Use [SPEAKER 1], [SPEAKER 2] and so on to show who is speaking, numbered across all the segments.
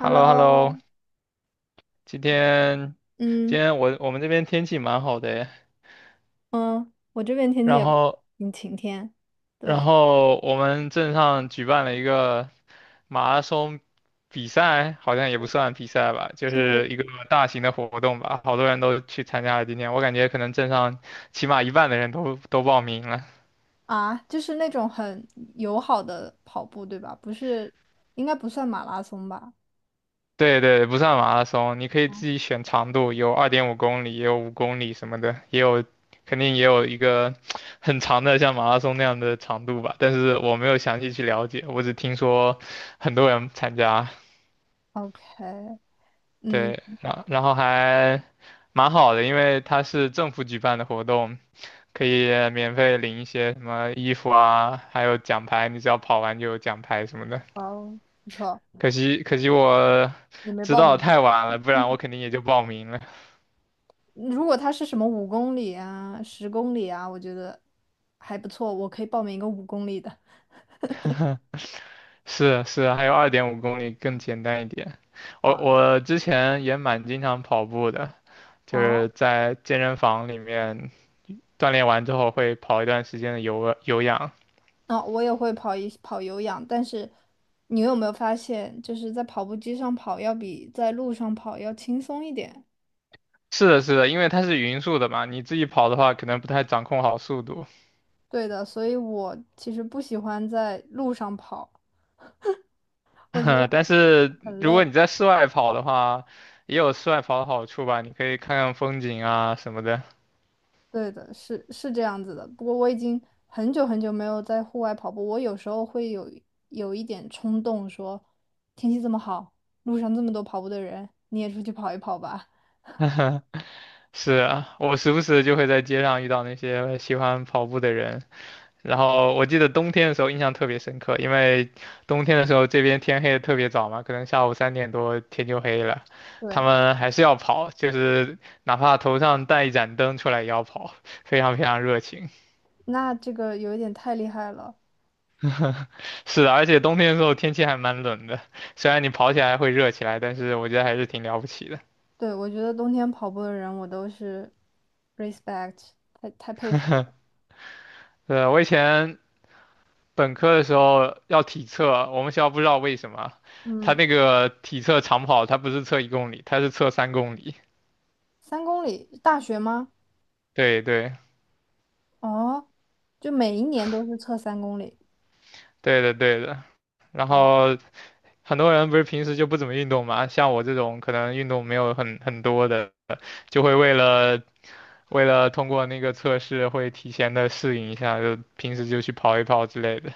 [SPEAKER 1] Hello hello。 今天今
[SPEAKER 2] 嗯
[SPEAKER 1] 天我们这边天气蛮好的诶。
[SPEAKER 2] 嗯，我这边天气
[SPEAKER 1] 然
[SPEAKER 2] 也
[SPEAKER 1] 后
[SPEAKER 2] 挺晴天，
[SPEAKER 1] 然
[SPEAKER 2] 对，
[SPEAKER 1] 后我们镇上举办了一个马拉松比赛，好像也不算比赛吧，就
[SPEAKER 2] 是
[SPEAKER 1] 是一个大型的活动吧，好多人都去参加了今天，我感觉可能镇上起码一半的人都报名了。
[SPEAKER 2] 啊，就是那种很友好的跑步，对吧？不是，应该不算马拉松吧
[SPEAKER 1] 对对，不算马拉松，你可以自己选长度，有二点五公里，也有五公里什么的，也有，肯定也有一个 很长的像马拉松那样的长度吧。但是我没有详细去了解，我只听说很多人参加，
[SPEAKER 2] ？OK，嗯，
[SPEAKER 1] 对，然后还蛮好的，因为它是政府举办的活动，可以免费领一些什么衣服啊，还有奖牌，你只要跑完就有奖牌什么的。
[SPEAKER 2] 哦，不错，
[SPEAKER 1] 可惜我
[SPEAKER 2] 你没
[SPEAKER 1] 知
[SPEAKER 2] 报
[SPEAKER 1] 道得
[SPEAKER 2] 名。
[SPEAKER 1] 太晚了，不然我肯定也就报名了。
[SPEAKER 2] 如果他是什么五公里啊、10公里啊，我觉得还不错，我可以报名一个五公里的。
[SPEAKER 1] 是是，还有二点五公里更简单一点。我
[SPEAKER 2] 啊，
[SPEAKER 1] 我之前也蛮经常跑步的，就
[SPEAKER 2] 哦
[SPEAKER 1] 是在健身房里面锻炼完之后会跑一段时间的有氧。
[SPEAKER 2] 哦，我也会跑一跑有氧，但是你有没有发现，就是在跑步机上跑要比在路上跑要轻松一点？
[SPEAKER 1] 是的，是的，因为它是匀速的嘛，你自己跑的话可能不太掌控好速度。
[SPEAKER 2] 对的，所以我其实不喜欢在路上跑，我觉得
[SPEAKER 1] 但
[SPEAKER 2] 很
[SPEAKER 1] 是
[SPEAKER 2] 很
[SPEAKER 1] 如果
[SPEAKER 2] 累。
[SPEAKER 1] 你在室外跑的话，也有室外跑的好处吧，你可以看看风景啊什么的。
[SPEAKER 2] 对的，是是这样子的。不过我已经很久很久没有在户外跑步，我有时候会有一点冲动说，天气这么好，路上这么多跑步的人，你也出去跑一跑吧。
[SPEAKER 1] 是啊，我时不时就会在街上遇到那些喜欢跑步的人。然后我记得冬天的时候印象特别深刻，因为冬天的时候这边天黑的特别早嘛，可能下午三点多天就黑了，他
[SPEAKER 2] 对，
[SPEAKER 1] 们还是要跑，就是哪怕头上带一盏灯出来也要跑，非常非常热情。
[SPEAKER 2] 那这个有一点太厉害了。
[SPEAKER 1] 是的，而且冬天的时候天气还蛮冷的，虽然你跑起来会热起来，但是我觉得还是挺了不起的。
[SPEAKER 2] 对，我觉得冬天跑步的人，我都是 respect，太佩服了。
[SPEAKER 1] 我以前本科的时候要体测，我们学校不知道为什么，他
[SPEAKER 2] 嗯，
[SPEAKER 1] 那个体测长跑，他不是测1公里，他是测3公里。
[SPEAKER 2] 三公里，大学吗？
[SPEAKER 1] 对对。
[SPEAKER 2] 哦，就每一年都是测三公里。
[SPEAKER 1] 对的，对的。然
[SPEAKER 2] 啊！
[SPEAKER 1] 后很多人不是平时就不怎么运动嘛，像我这种可能运动没有很多的，就会为了通过那个测试，会提前的适应一下，就平时就去跑一跑之类的。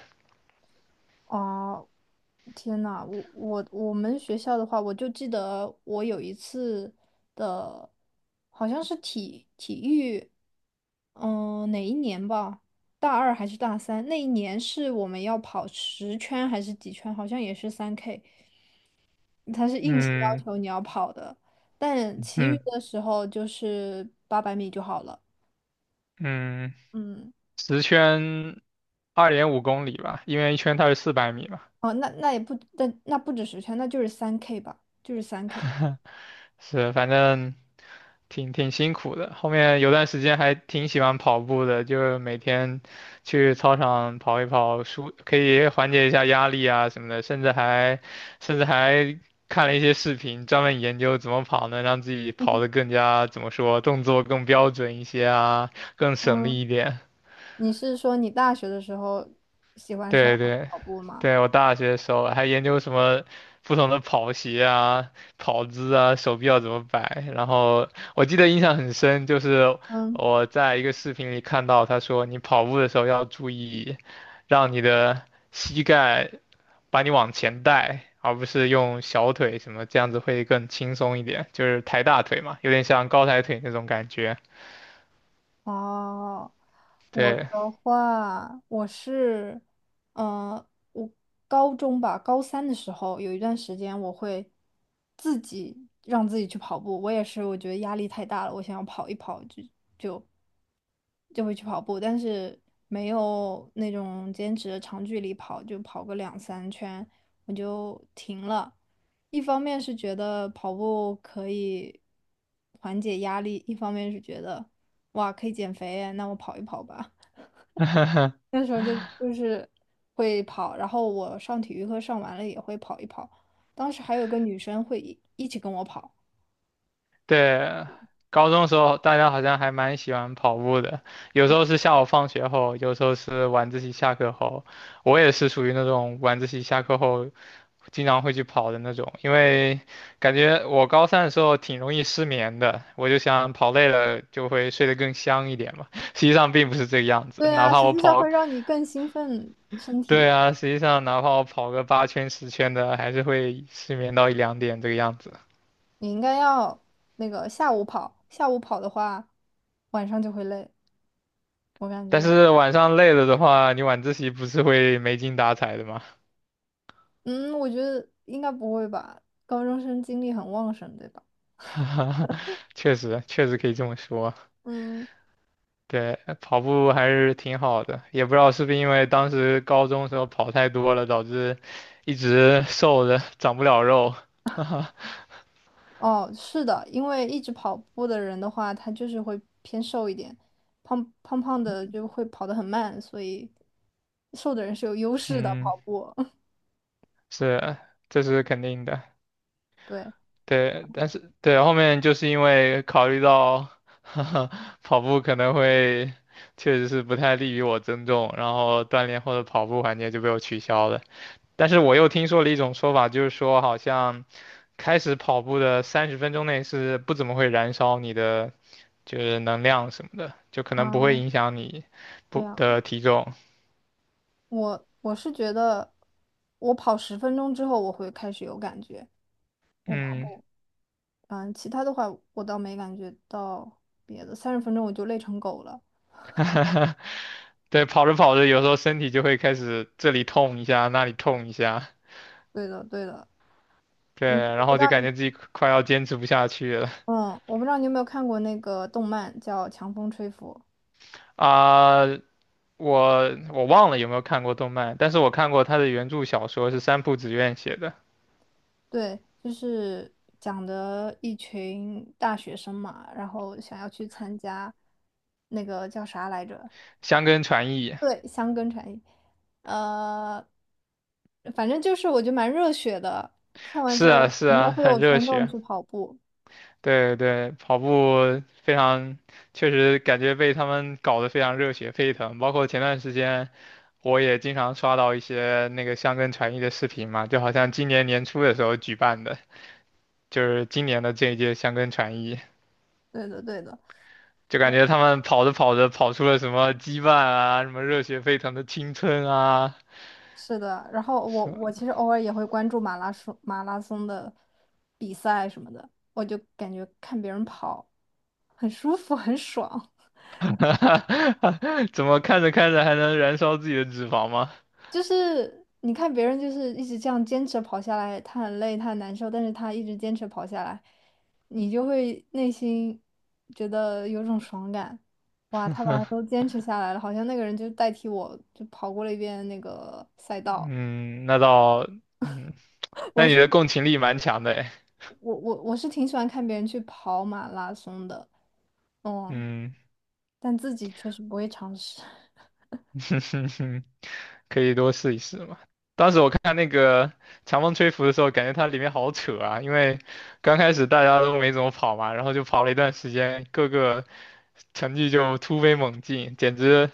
[SPEAKER 2] 哦，天呐，我们学校的话，我就记得我有一次的，好像是体育，嗯、哪一年吧？大二还是大三？那一年是我们要跑十圈还是几圈？好像也是三 K。它是硬性
[SPEAKER 1] 嗯
[SPEAKER 2] 要求你要跑的，但其余
[SPEAKER 1] 嗯
[SPEAKER 2] 的时候就是800米就好了。
[SPEAKER 1] 嗯。嗯。
[SPEAKER 2] 嗯，
[SPEAKER 1] 十圈二点五公里吧，因为1圈它是400米嘛。
[SPEAKER 2] 哦，那那也不，但那不止十圈，那就是三 K 吧，就是3K。
[SPEAKER 1] 是，反正挺辛苦的。后面有段时间还挺喜欢跑步的，就是每天去操场跑一跑，舒可以缓解一下压力啊什么的，甚至还看了一些视频，专门研究怎么跑能让自己跑得更加怎么说，动作更标准一些啊，更省力
[SPEAKER 2] 嗯，
[SPEAKER 1] 一点。
[SPEAKER 2] 你是说你大学的时候喜欢上
[SPEAKER 1] 对对
[SPEAKER 2] 跑步吗？
[SPEAKER 1] 对，我大学的时候还研究什么不同的跑鞋啊、跑姿啊、手臂要怎么摆。然后我记得印象很深，就是
[SPEAKER 2] 嗯。
[SPEAKER 1] 我在一个视频里看到他说，你跑步的时候要注意，让你的膝盖把你往前带，而不是用小腿什么，这样子会更轻松一点，就是抬大腿嘛，有点像高抬腿那种感觉。
[SPEAKER 2] 哦，我
[SPEAKER 1] 对。
[SPEAKER 2] 的话，我是，呃，我高中吧，高三的时候有一段时间，我会自己让自己去跑步。我也是，我觉得压力太大了，我想要跑一跑，就会去跑步，但是没有那种坚持的长距离跑，就跑个两三圈我就停了。一方面是觉得跑步可以缓解压力，一方面是觉得哇可以减肥，那我跑一跑吧。那时候就是会跑，然后我上体育课上完了也会跑一跑。当时还有个女生会一起跟我跑。
[SPEAKER 1] 对，高中的时候大家好像还蛮喜欢跑步的，有时候是下午放学后，有时候是晚自习下课后。我也是属于那种晚自习下课后经常会去跑的那种，因为感觉我高三的时候挺容易失眠的，我就想跑累了就会睡得更香一点嘛。实际上并不是这个样子，
[SPEAKER 2] 对
[SPEAKER 1] 哪
[SPEAKER 2] 啊，
[SPEAKER 1] 怕
[SPEAKER 2] 实
[SPEAKER 1] 我
[SPEAKER 2] 际上
[SPEAKER 1] 跑，
[SPEAKER 2] 会让你更兴奋身
[SPEAKER 1] 对
[SPEAKER 2] 体。
[SPEAKER 1] 啊，实际上哪怕我跑个8圈10圈的，还是会失眠到一两点这个样子。
[SPEAKER 2] 你应该要那个下午跑，下午跑的话，晚上就会累，我感
[SPEAKER 1] 但
[SPEAKER 2] 觉。
[SPEAKER 1] 是晚上累了的话，你晚自习不是会没精打采的吗？
[SPEAKER 2] 嗯，我觉得应该不会吧，高中生精力很旺盛，对吧？
[SPEAKER 1] 确实，确实可以这么说。
[SPEAKER 2] 嗯，
[SPEAKER 1] 对，跑步还是挺好的，也不知道是不是因为当时高中时候跑太多了，导致一直瘦着长不了肉。
[SPEAKER 2] 哦，是的，因为一直跑步的人的话，他就是会偏瘦一点，胖胖的就会跑得很慢，所以瘦的人是有优势的
[SPEAKER 1] 嗯。
[SPEAKER 2] 跑步。
[SPEAKER 1] 是。这是肯定的。
[SPEAKER 2] 对。
[SPEAKER 1] 对，但是对后面就是因为考虑到 跑步可能会确实是不太利于我增重，然后锻炼后的跑步环节就被我取消了。但是我又听说了一种说法，就是说好像开始跑步的30分钟内是不怎么会燃烧你的就是能量什么的，就可能不会
[SPEAKER 2] 啊，
[SPEAKER 1] 影响你
[SPEAKER 2] 对
[SPEAKER 1] 不
[SPEAKER 2] 啊，
[SPEAKER 1] 的体重。
[SPEAKER 2] 我是觉得，我跑十分钟之后我会开始有感觉，我跑
[SPEAKER 1] 嗯。
[SPEAKER 2] 步。嗯，其他的话我倒没感觉到别的，30分钟我就累成狗了。
[SPEAKER 1] 对，跑着跑着有时候身体就会开始这里痛一下，那里痛一下，
[SPEAKER 2] 对的，对的，
[SPEAKER 1] 对，
[SPEAKER 2] 嗯，我
[SPEAKER 1] 然
[SPEAKER 2] 不
[SPEAKER 1] 后
[SPEAKER 2] 知
[SPEAKER 1] 就
[SPEAKER 2] 道
[SPEAKER 1] 感觉
[SPEAKER 2] 你，
[SPEAKER 1] 自己快要坚持不下去了。
[SPEAKER 2] 嗯，我不知道你有没有看过那个动漫叫《强风吹拂》，
[SPEAKER 1] 啊。我忘了有没有看过动漫，但是我看过他的原著小说是三浦紫苑写的
[SPEAKER 2] 对，就是讲的一群大学生嘛，然后想要去参加那个叫啥来着？
[SPEAKER 1] 《香根传译》。
[SPEAKER 2] 对，香根产业，呃，反正就是我觉得蛮热血的，看完之
[SPEAKER 1] 是
[SPEAKER 2] 后
[SPEAKER 1] 啊，是
[SPEAKER 2] 你也
[SPEAKER 1] 啊，
[SPEAKER 2] 会有
[SPEAKER 1] 很热
[SPEAKER 2] 冲动
[SPEAKER 1] 血。
[SPEAKER 2] 去跑步。
[SPEAKER 1] 对对，跑步非常，确实感觉被他们搞得非常热血沸腾。包括前段时间，我也经常刷到一些那个箱根传艺的视频嘛，就好像今年年初的时候举办的，就是今年的这一届箱根传艺，
[SPEAKER 2] 对的，对的。
[SPEAKER 1] 就感觉他们跑着跑着跑出了什么羁绊啊，什么热血沸腾的青春啊，
[SPEAKER 2] 是的，然后我
[SPEAKER 1] 什么
[SPEAKER 2] 我其实偶尔也会关注马拉松的比赛什么的，我就感觉看别人跑很舒服，很爽。
[SPEAKER 1] 怎么看着看着还能燃烧自己的脂肪吗？
[SPEAKER 2] 就是你看别人就是一直这样坚持跑下来，他很累，他很难受，但是他一直坚持跑下来，你就会内心觉得有种爽感。哇，他把它都坚持下来了，好像那个人就代替我，就跑过了一遍那个赛道。
[SPEAKER 1] 嗯。那倒。嗯。那
[SPEAKER 2] 我
[SPEAKER 1] 你
[SPEAKER 2] 是
[SPEAKER 1] 的共情力蛮强的诶。
[SPEAKER 2] 我我是挺喜欢看别人去跑马拉松的。哦，
[SPEAKER 1] 嗯。
[SPEAKER 2] 但自己确实不会尝试，
[SPEAKER 1] 可以多试一试嘛。当时我看那个《强风吹拂》的时候，感觉它里面好扯啊，因为刚开始大家都没怎么跑嘛，然后就跑了一段时间，各个成绩就突飞猛进，简直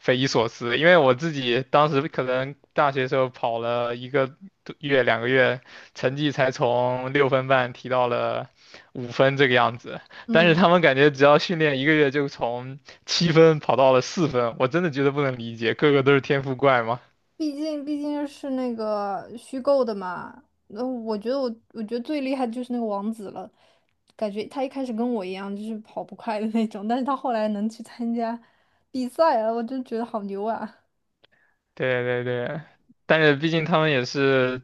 [SPEAKER 1] 匪夷所思，因为我自己当时可能大学时候跑了一个多月、两个月，成绩才从6分半提到了5分这个样子，但是
[SPEAKER 2] 嗯，
[SPEAKER 1] 他们感觉只要训练一个月就从7分跑到了4分，我真的觉得不能理解，个个都是天赋怪嘛。
[SPEAKER 2] 毕竟是那个虚构的嘛。那我觉得最厉害的就是那个王子了，感觉他一开始跟我一样就是跑不快的那种，但是他后来能去参加比赛了，我就觉得好牛啊！
[SPEAKER 1] 对对对，但是毕竟他们也是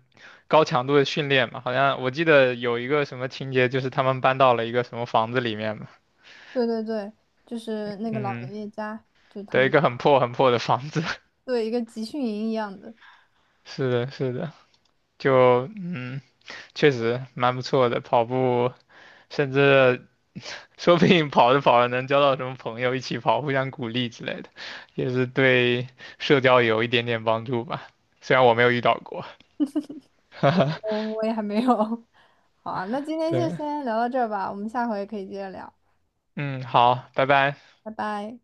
[SPEAKER 1] 高强度的训练嘛，好像我记得有一个什么情节，就是他们搬到了一个什么房子里面嘛，
[SPEAKER 2] 对对对，就是那个老爷
[SPEAKER 1] 嗯，
[SPEAKER 2] 爷家，就是他
[SPEAKER 1] 对，一
[SPEAKER 2] 们
[SPEAKER 1] 个很破很破的房子，
[SPEAKER 2] 对一个集训营一样的，
[SPEAKER 1] 是的，是的。就确实蛮不错的，跑步甚至说不定跑着跑着能交到什么朋友，一起跑，互相鼓励之类的，也是对社交有一点点帮助吧。虽然我没有遇到过。
[SPEAKER 2] 我我也还没有。好啊，那今天就
[SPEAKER 1] 对，
[SPEAKER 2] 先聊到这儿吧，我们下回可以接着聊，
[SPEAKER 1] 嗯，好，拜拜。
[SPEAKER 2] 拜拜。